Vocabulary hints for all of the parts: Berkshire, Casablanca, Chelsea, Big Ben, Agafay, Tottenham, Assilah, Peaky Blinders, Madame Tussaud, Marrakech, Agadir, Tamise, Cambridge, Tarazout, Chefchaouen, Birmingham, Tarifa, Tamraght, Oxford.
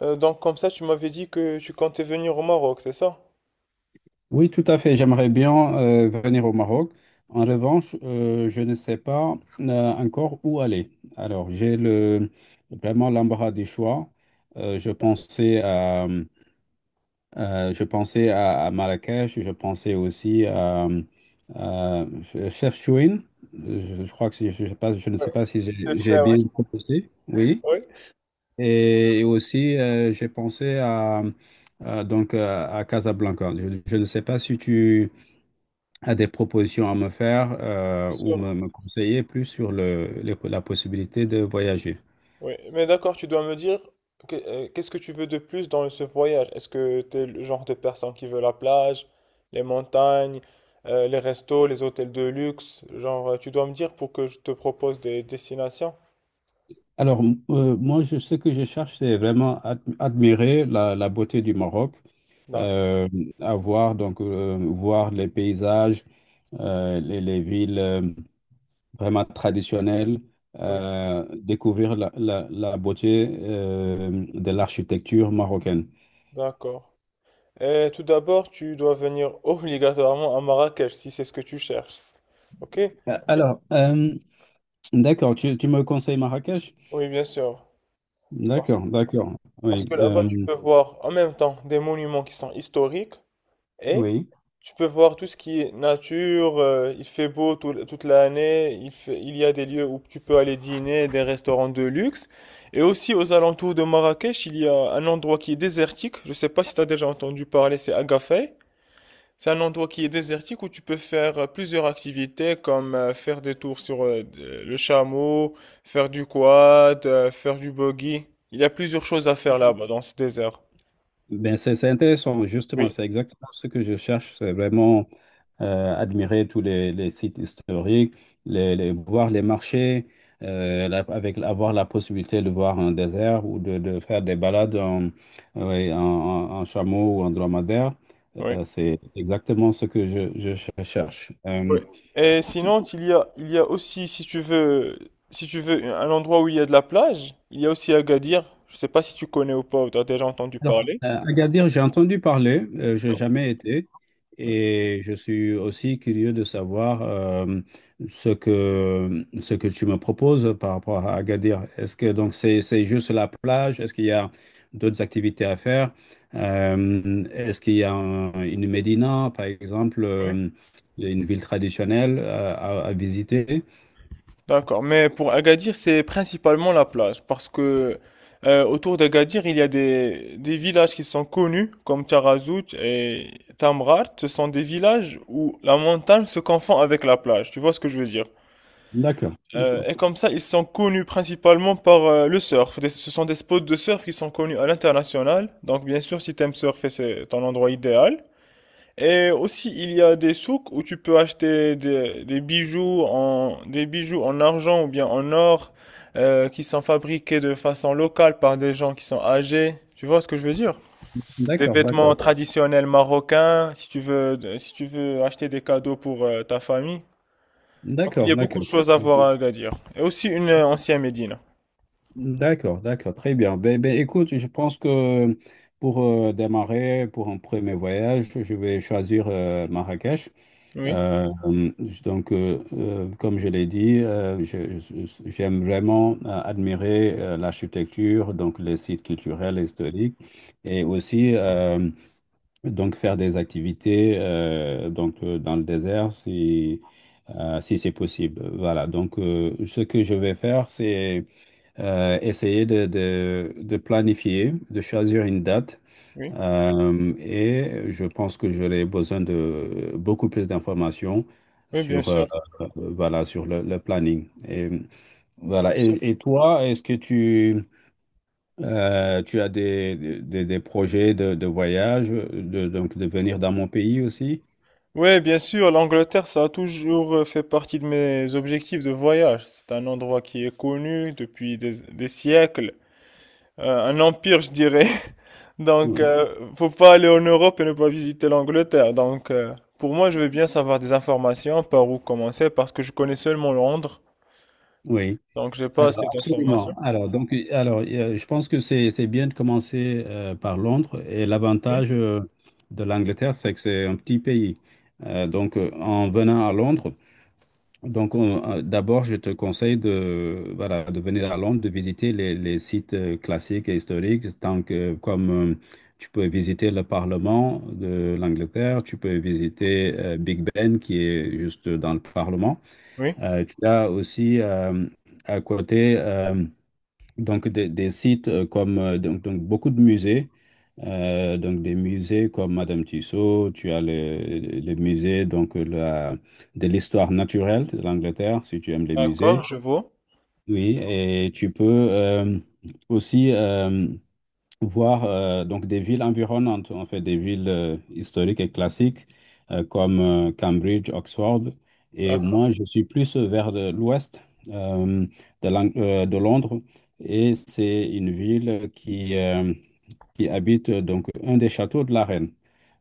Donc comme ça, tu m'avais dit que tu comptais venir au Maroc, c'est ça? Oui, tout à fait. J'aimerais bien venir au Maroc. En revanche, je ne sais pas encore où aller. Alors, vraiment l'embarras des choix. Euh, je pensais à, je pensais à Marrakech. Je pensais aussi à Chefchaouen. Je crois que je ne Oui, sais pas si c'est j'ai ça, oui. bien proposé. Oui. Oui, Et aussi, j'ai pensé à Casablanca. Je ne sais pas si tu a des propositions à me faire, c'est ou me, sûr. me conseiller plus sur la possibilité de voyager. Oui, mais d'accord, tu dois me dire qu'est-ce que tu veux de plus dans ce voyage? Est-ce que tu es le genre de personne qui veut la plage, les montagnes, les restos, les hôtels de luxe? Genre, tu dois me dire pour que je te propose des destinations. Alors, moi, ce que je cherche, c'est vraiment admirer la beauté du Maroc, D'accord. euh, voir les paysages, les villes vraiment traditionnelles, Oui, découvrir la beauté de l'architecture marocaine. d'accord. Tout d'abord, tu dois venir obligatoirement à Marrakech si c'est ce que tu cherches. Ok? Alors, d'accord, tu me conseilles Marrakech? Oui, bien sûr. Parce D'accord, d'accord. parce Oui, que là-bas, tu peux voir en même temps des monuments qui sont historiques et oui. tu peux voir tout ce qui est nature. Il fait beau toute l'année. Il y a des lieux où tu peux aller dîner, des restaurants de luxe. Et aussi aux alentours de Marrakech, il y a un endroit qui est désertique. Je ne sais pas si tu as déjà entendu parler, c'est Agafay. C'est un endroit qui est désertique où tu peux faire plusieurs activités comme faire des tours sur le chameau, faire du quad, faire du buggy. Il y a plusieurs choses à faire là-bas dans ce désert. Ben, c'est intéressant, justement, Oui. c'est exactement ce que je cherche. C'est vraiment admirer tous les sites historiques, voir les marchés, avec avoir la possibilité de voir un désert ou de faire des balades en, oui, en chameau ou en dromadaire. Oui. C'est exactement ce que je cherche. Oui. Et sinon, il y a aussi, si tu veux, un endroit où il y a de la plage, il y a aussi Agadir. Je sais pas si tu connais ou pas, ou tu as déjà entendu Alors, parler. Agadir, j'ai entendu parler, j'ai jamais été, et je suis aussi curieux de savoir, ce que tu me proposes par rapport à Agadir. Est-ce que donc c'est juste la plage? Est-ce qu'il y a d'autres activités à faire? Est-ce qu'il y a une médina, par exemple, une ville traditionnelle à visiter? D'accord, mais pour Agadir, c'est principalement la plage, parce que autour d'Agadir, il y a des villages qui sont connus, comme Tarazout et Tamraght. Ce sont des villages où la montagne se confond avec la plage, tu vois ce que je veux dire? D'accord, Et comme ça, ils sont connus principalement par le surf. Ce sont des spots de surf qui sont connus à l'international. Donc, bien sûr, si t'aimes surfer, c'est ton endroit idéal. Et aussi, il y a des souks où tu peux acheter des des bijoux en argent ou bien en or, qui sont fabriqués de façon locale par des gens qui sont âgés. Tu vois ce que je veux dire? Des d'accord, vêtements d'accord, traditionnels marocains, si tu veux, si tu veux acheter des cadeaux pour ta famille. Donc, il y d'accord, a beaucoup de d'accord. choses à voir à Agadir. Et aussi une ancienne Médine. D'accord, d'accord, très bien. Ben, ben, écoute, je pense que pour démarrer, pour un premier voyage, je vais choisir Marrakech. Oui, Euh, euh, Comme je l'ai dit, j'aime vraiment admirer l'architecture, donc les sites culturels et historiques, et aussi, donc faire des activités, dans le désert si c'est possible. Voilà. Donc, ce que je vais faire, c'est essayer de planifier, de choisir une date. oui, Et je pense que j'aurai besoin de beaucoup plus d'informations oui, bien sur, euh, sûr. Voilà, sur le planning. Et voilà. Et toi, est-ce que tu as des projets de voyage, donc de venir dans mon pays aussi? Ouais, bien sûr, l'Angleterre, ça a toujours fait partie de mes objectifs de voyage. C'est un endroit qui est connu depuis des siècles, un empire, je dirais. Donc, Oui. euh, Faut pas aller en Europe et ne pas visiter l'Angleterre. Pour moi, je veux bien savoir des informations par où commencer parce que je connais seulement Londres. Oui. Donc, j'ai pas assez Alors, d'informations. absolument. Alors, donc, je pense que c'est bien de commencer par Londres. Et Oui, l'avantage, de l'Angleterre, c'est que c'est un petit pays. En venant à Londres, d'abord, je te conseille de venir à Londres, de visiter les sites classiques et historiques, tant que comme, tu peux visiter le Parlement de l'Angleterre, tu peux visiter, Big Ben qui est juste dans le Parlement. oui. Tu as aussi, à côté, des sites, comme, beaucoup de musées, donc des musées comme Madame Tussaud. Tu as le musée, de l'histoire naturelle de l'Angleterre, si tu aimes les D'accord, musées. je vois. Oui, et tu peux euh, aussi. Voir, donc des villes environnantes, en fait des villes historiques et classiques, comme Cambridge, Oxford. Et D'accord. moi, je suis plus vers l'ouest euh, de Londres. Et c'est une ville qui habite un des châteaux de la reine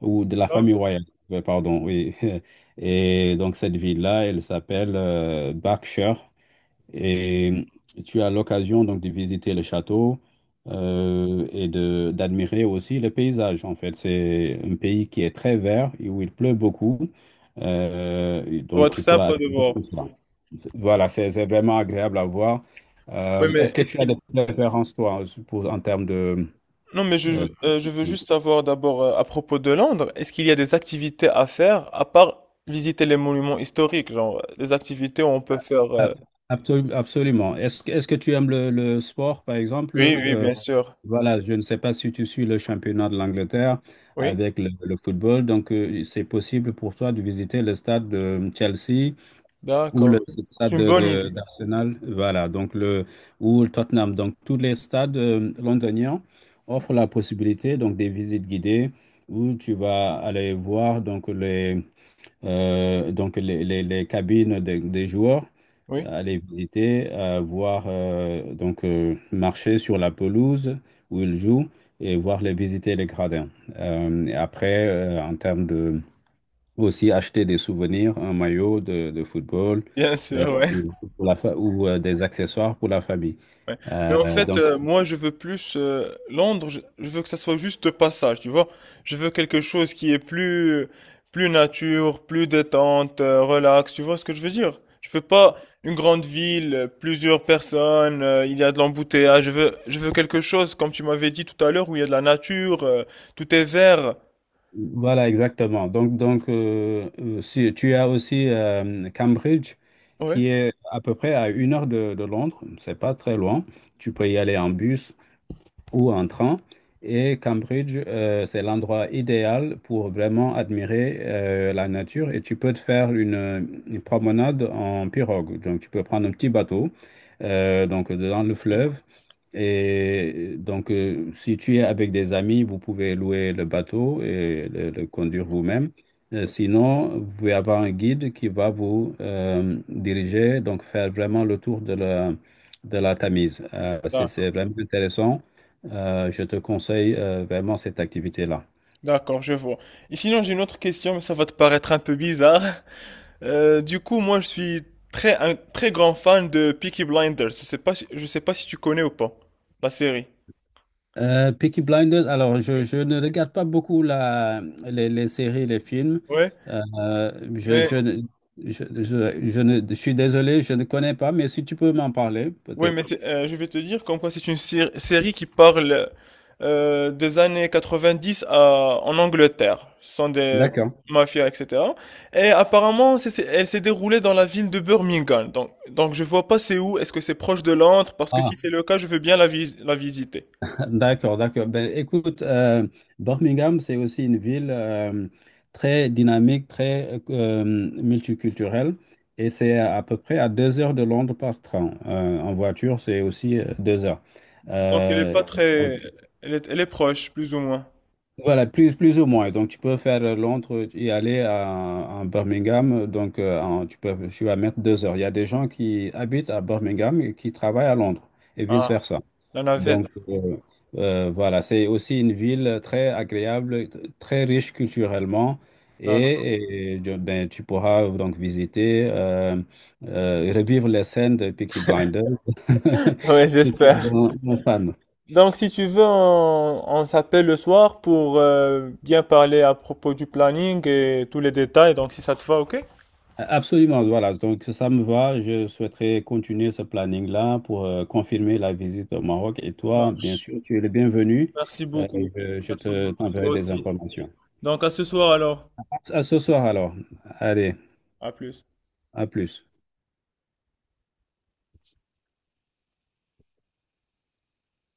ou de la Ça famille royale. Pardon, oui. Et donc cette ville-là, elle s'appelle Berkshire. Et tu as l'occasion donc de visiter le château, et de d'admirer aussi le paysage. En fait, c'est un pays qui est très vert et où il pleut beaucoup. Et doit donc, être tu pourras sympa de admirer voir. tout cela. Voilà, c'est vraiment agréable à voir. Oui, mais Est-ce que est-ce tu as qu'il des préférences, toi, pour, en termes de Non, mais je, euh, euh, je veux de- juste savoir d'abord à propos de Londres, est-ce qu'il y a des activités à faire à part visiter les monuments historiques, genre les activités où on peut faire... Ah, absolument. Est-ce que tu aimes le sport, par exemple? Oui, oui, bien sûr. Voilà, je ne sais pas si tu suis le championnat de l'Angleterre Oui, avec le football. Donc, c'est possible pour toi de visiter le stade de, Chelsea ou le d'accord. stade C'est une bonne idée. d'Arsenal. Voilà, donc ou le Tottenham. Donc, tous les stades londoniens offrent la possibilité donc des visites guidées où tu vas aller voir les cabines des joueurs, Oui, aller visiter, voir, marcher sur la pelouse où ils jouent et voir les visiter les gradins. Et après, en termes de aussi acheter des souvenirs, un maillot de football, bien sûr, ouais. Ou pour la fa- ou, des accessoires pour la famille. Ouais. Mais Euh, en fait, donc moi, je veux plus Londres. Je veux que ça soit juste passage, tu vois. Je veux quelque chose qui est plus nature, plus détente, relax. Tu vois ce que je veux dire? Je veux pas une grande ville, plusieurs personnes, il y a de l'embouteillage. Je veux quelque chose, comme tu m'avais dit tout à l'heure, où il y a de la nature, tout est vert. Voilà, exactement. Donc si, tu as aussi Cambridge, Ouais. qui est à peu près à 1 heure de Londres. C'est pas très loin. Tu peux y aller en bus ou en train. Et Cambridge, c'est l'endroit idéal pour vraiment admirer la nature. Et tu peux te faire une promenade en pirogue. Donc, tu peux prendre un petit bateau, donc dans le fleuve. Et donc, si tu es avec des amis, vous pouvez louer le bateau et le conduire vous-même. Sinon, vous pouvez avoir un guide qui va vous diriger, donc faire vraiment le tour de la Tamise. Ah, C'est vraiment intéressant. Je te conseille vraiment cette activité-là. d'accord, je vois. Et sinon, j'ai une autre question, mais ça va te paraître un peu bizarre. Du coup, moi, je suis très, un très grand fan de Peaky Blinders. Je sais pas si tu connais ou pas la série. Peaky Blinders, alors je ne regarde pas beaucoup les séries, les films. Ouais, Euh, je, mais, je, ne- je suis désolé, je ne connais pas, mais si tu peux m'en parler, ouais, mais peut-être. c'est- euh, je vais te dire comme quoi c'est une série qui parle des années 90 à, en Angleterre. Ce sont des D'accord. mafias, etc. Et apparemment, elle s'est déroulée dans la ville de Birmingham. Donc je vois pas c'est où. Est-ce que c'est proche de Londres? Parce que si Ah. c'est le cas, je veux bien la visiter. D'accord, d'accord. Ben, écoute, Birmingham, c'est aussi une ville très dynamique, très multiculturelle, et c'est à peu près à 2 heures de Londres par train. En voiture, c'est aussi 2 heures. Donc elle est Euh, pas donc, très, elle est proche, plus ou moins. voilà, plus ou moins. Donc, tu peux faire, Londres et aller à Birmingham. Donc, tu vas mettre 2 heures. Il y a des gens qui habitent à Birmingham et qui travaillent à Londres, et Ah, vice-versa. la Donc, navette. Voilà, c'est aussi une ville très agréable, très riche culturellement. D'accord. Ben, tu pourras donc visiter, revivre les scènes de Peaky Blinders. Ouais, Si tu es j'espère. un fan. Donc si tu veux, on s'appelle le soir pour bien parler à propos du planning et tous les détails. Donc si ça te va, ok? Absolument, voilà. Donc, ça me va. Je souhaiterais continuer ce planning-là pour confirmer la visite au Maroc. Et Ça toi, bien marche. sûr, tu es le bienvenu. Merci Euh, beaucoup. Je Merci te beaucoup. Toi t'enverrai des aussi. informations. Donc à ce soir alors. À ce soir alors. Allez, À plus. à plus.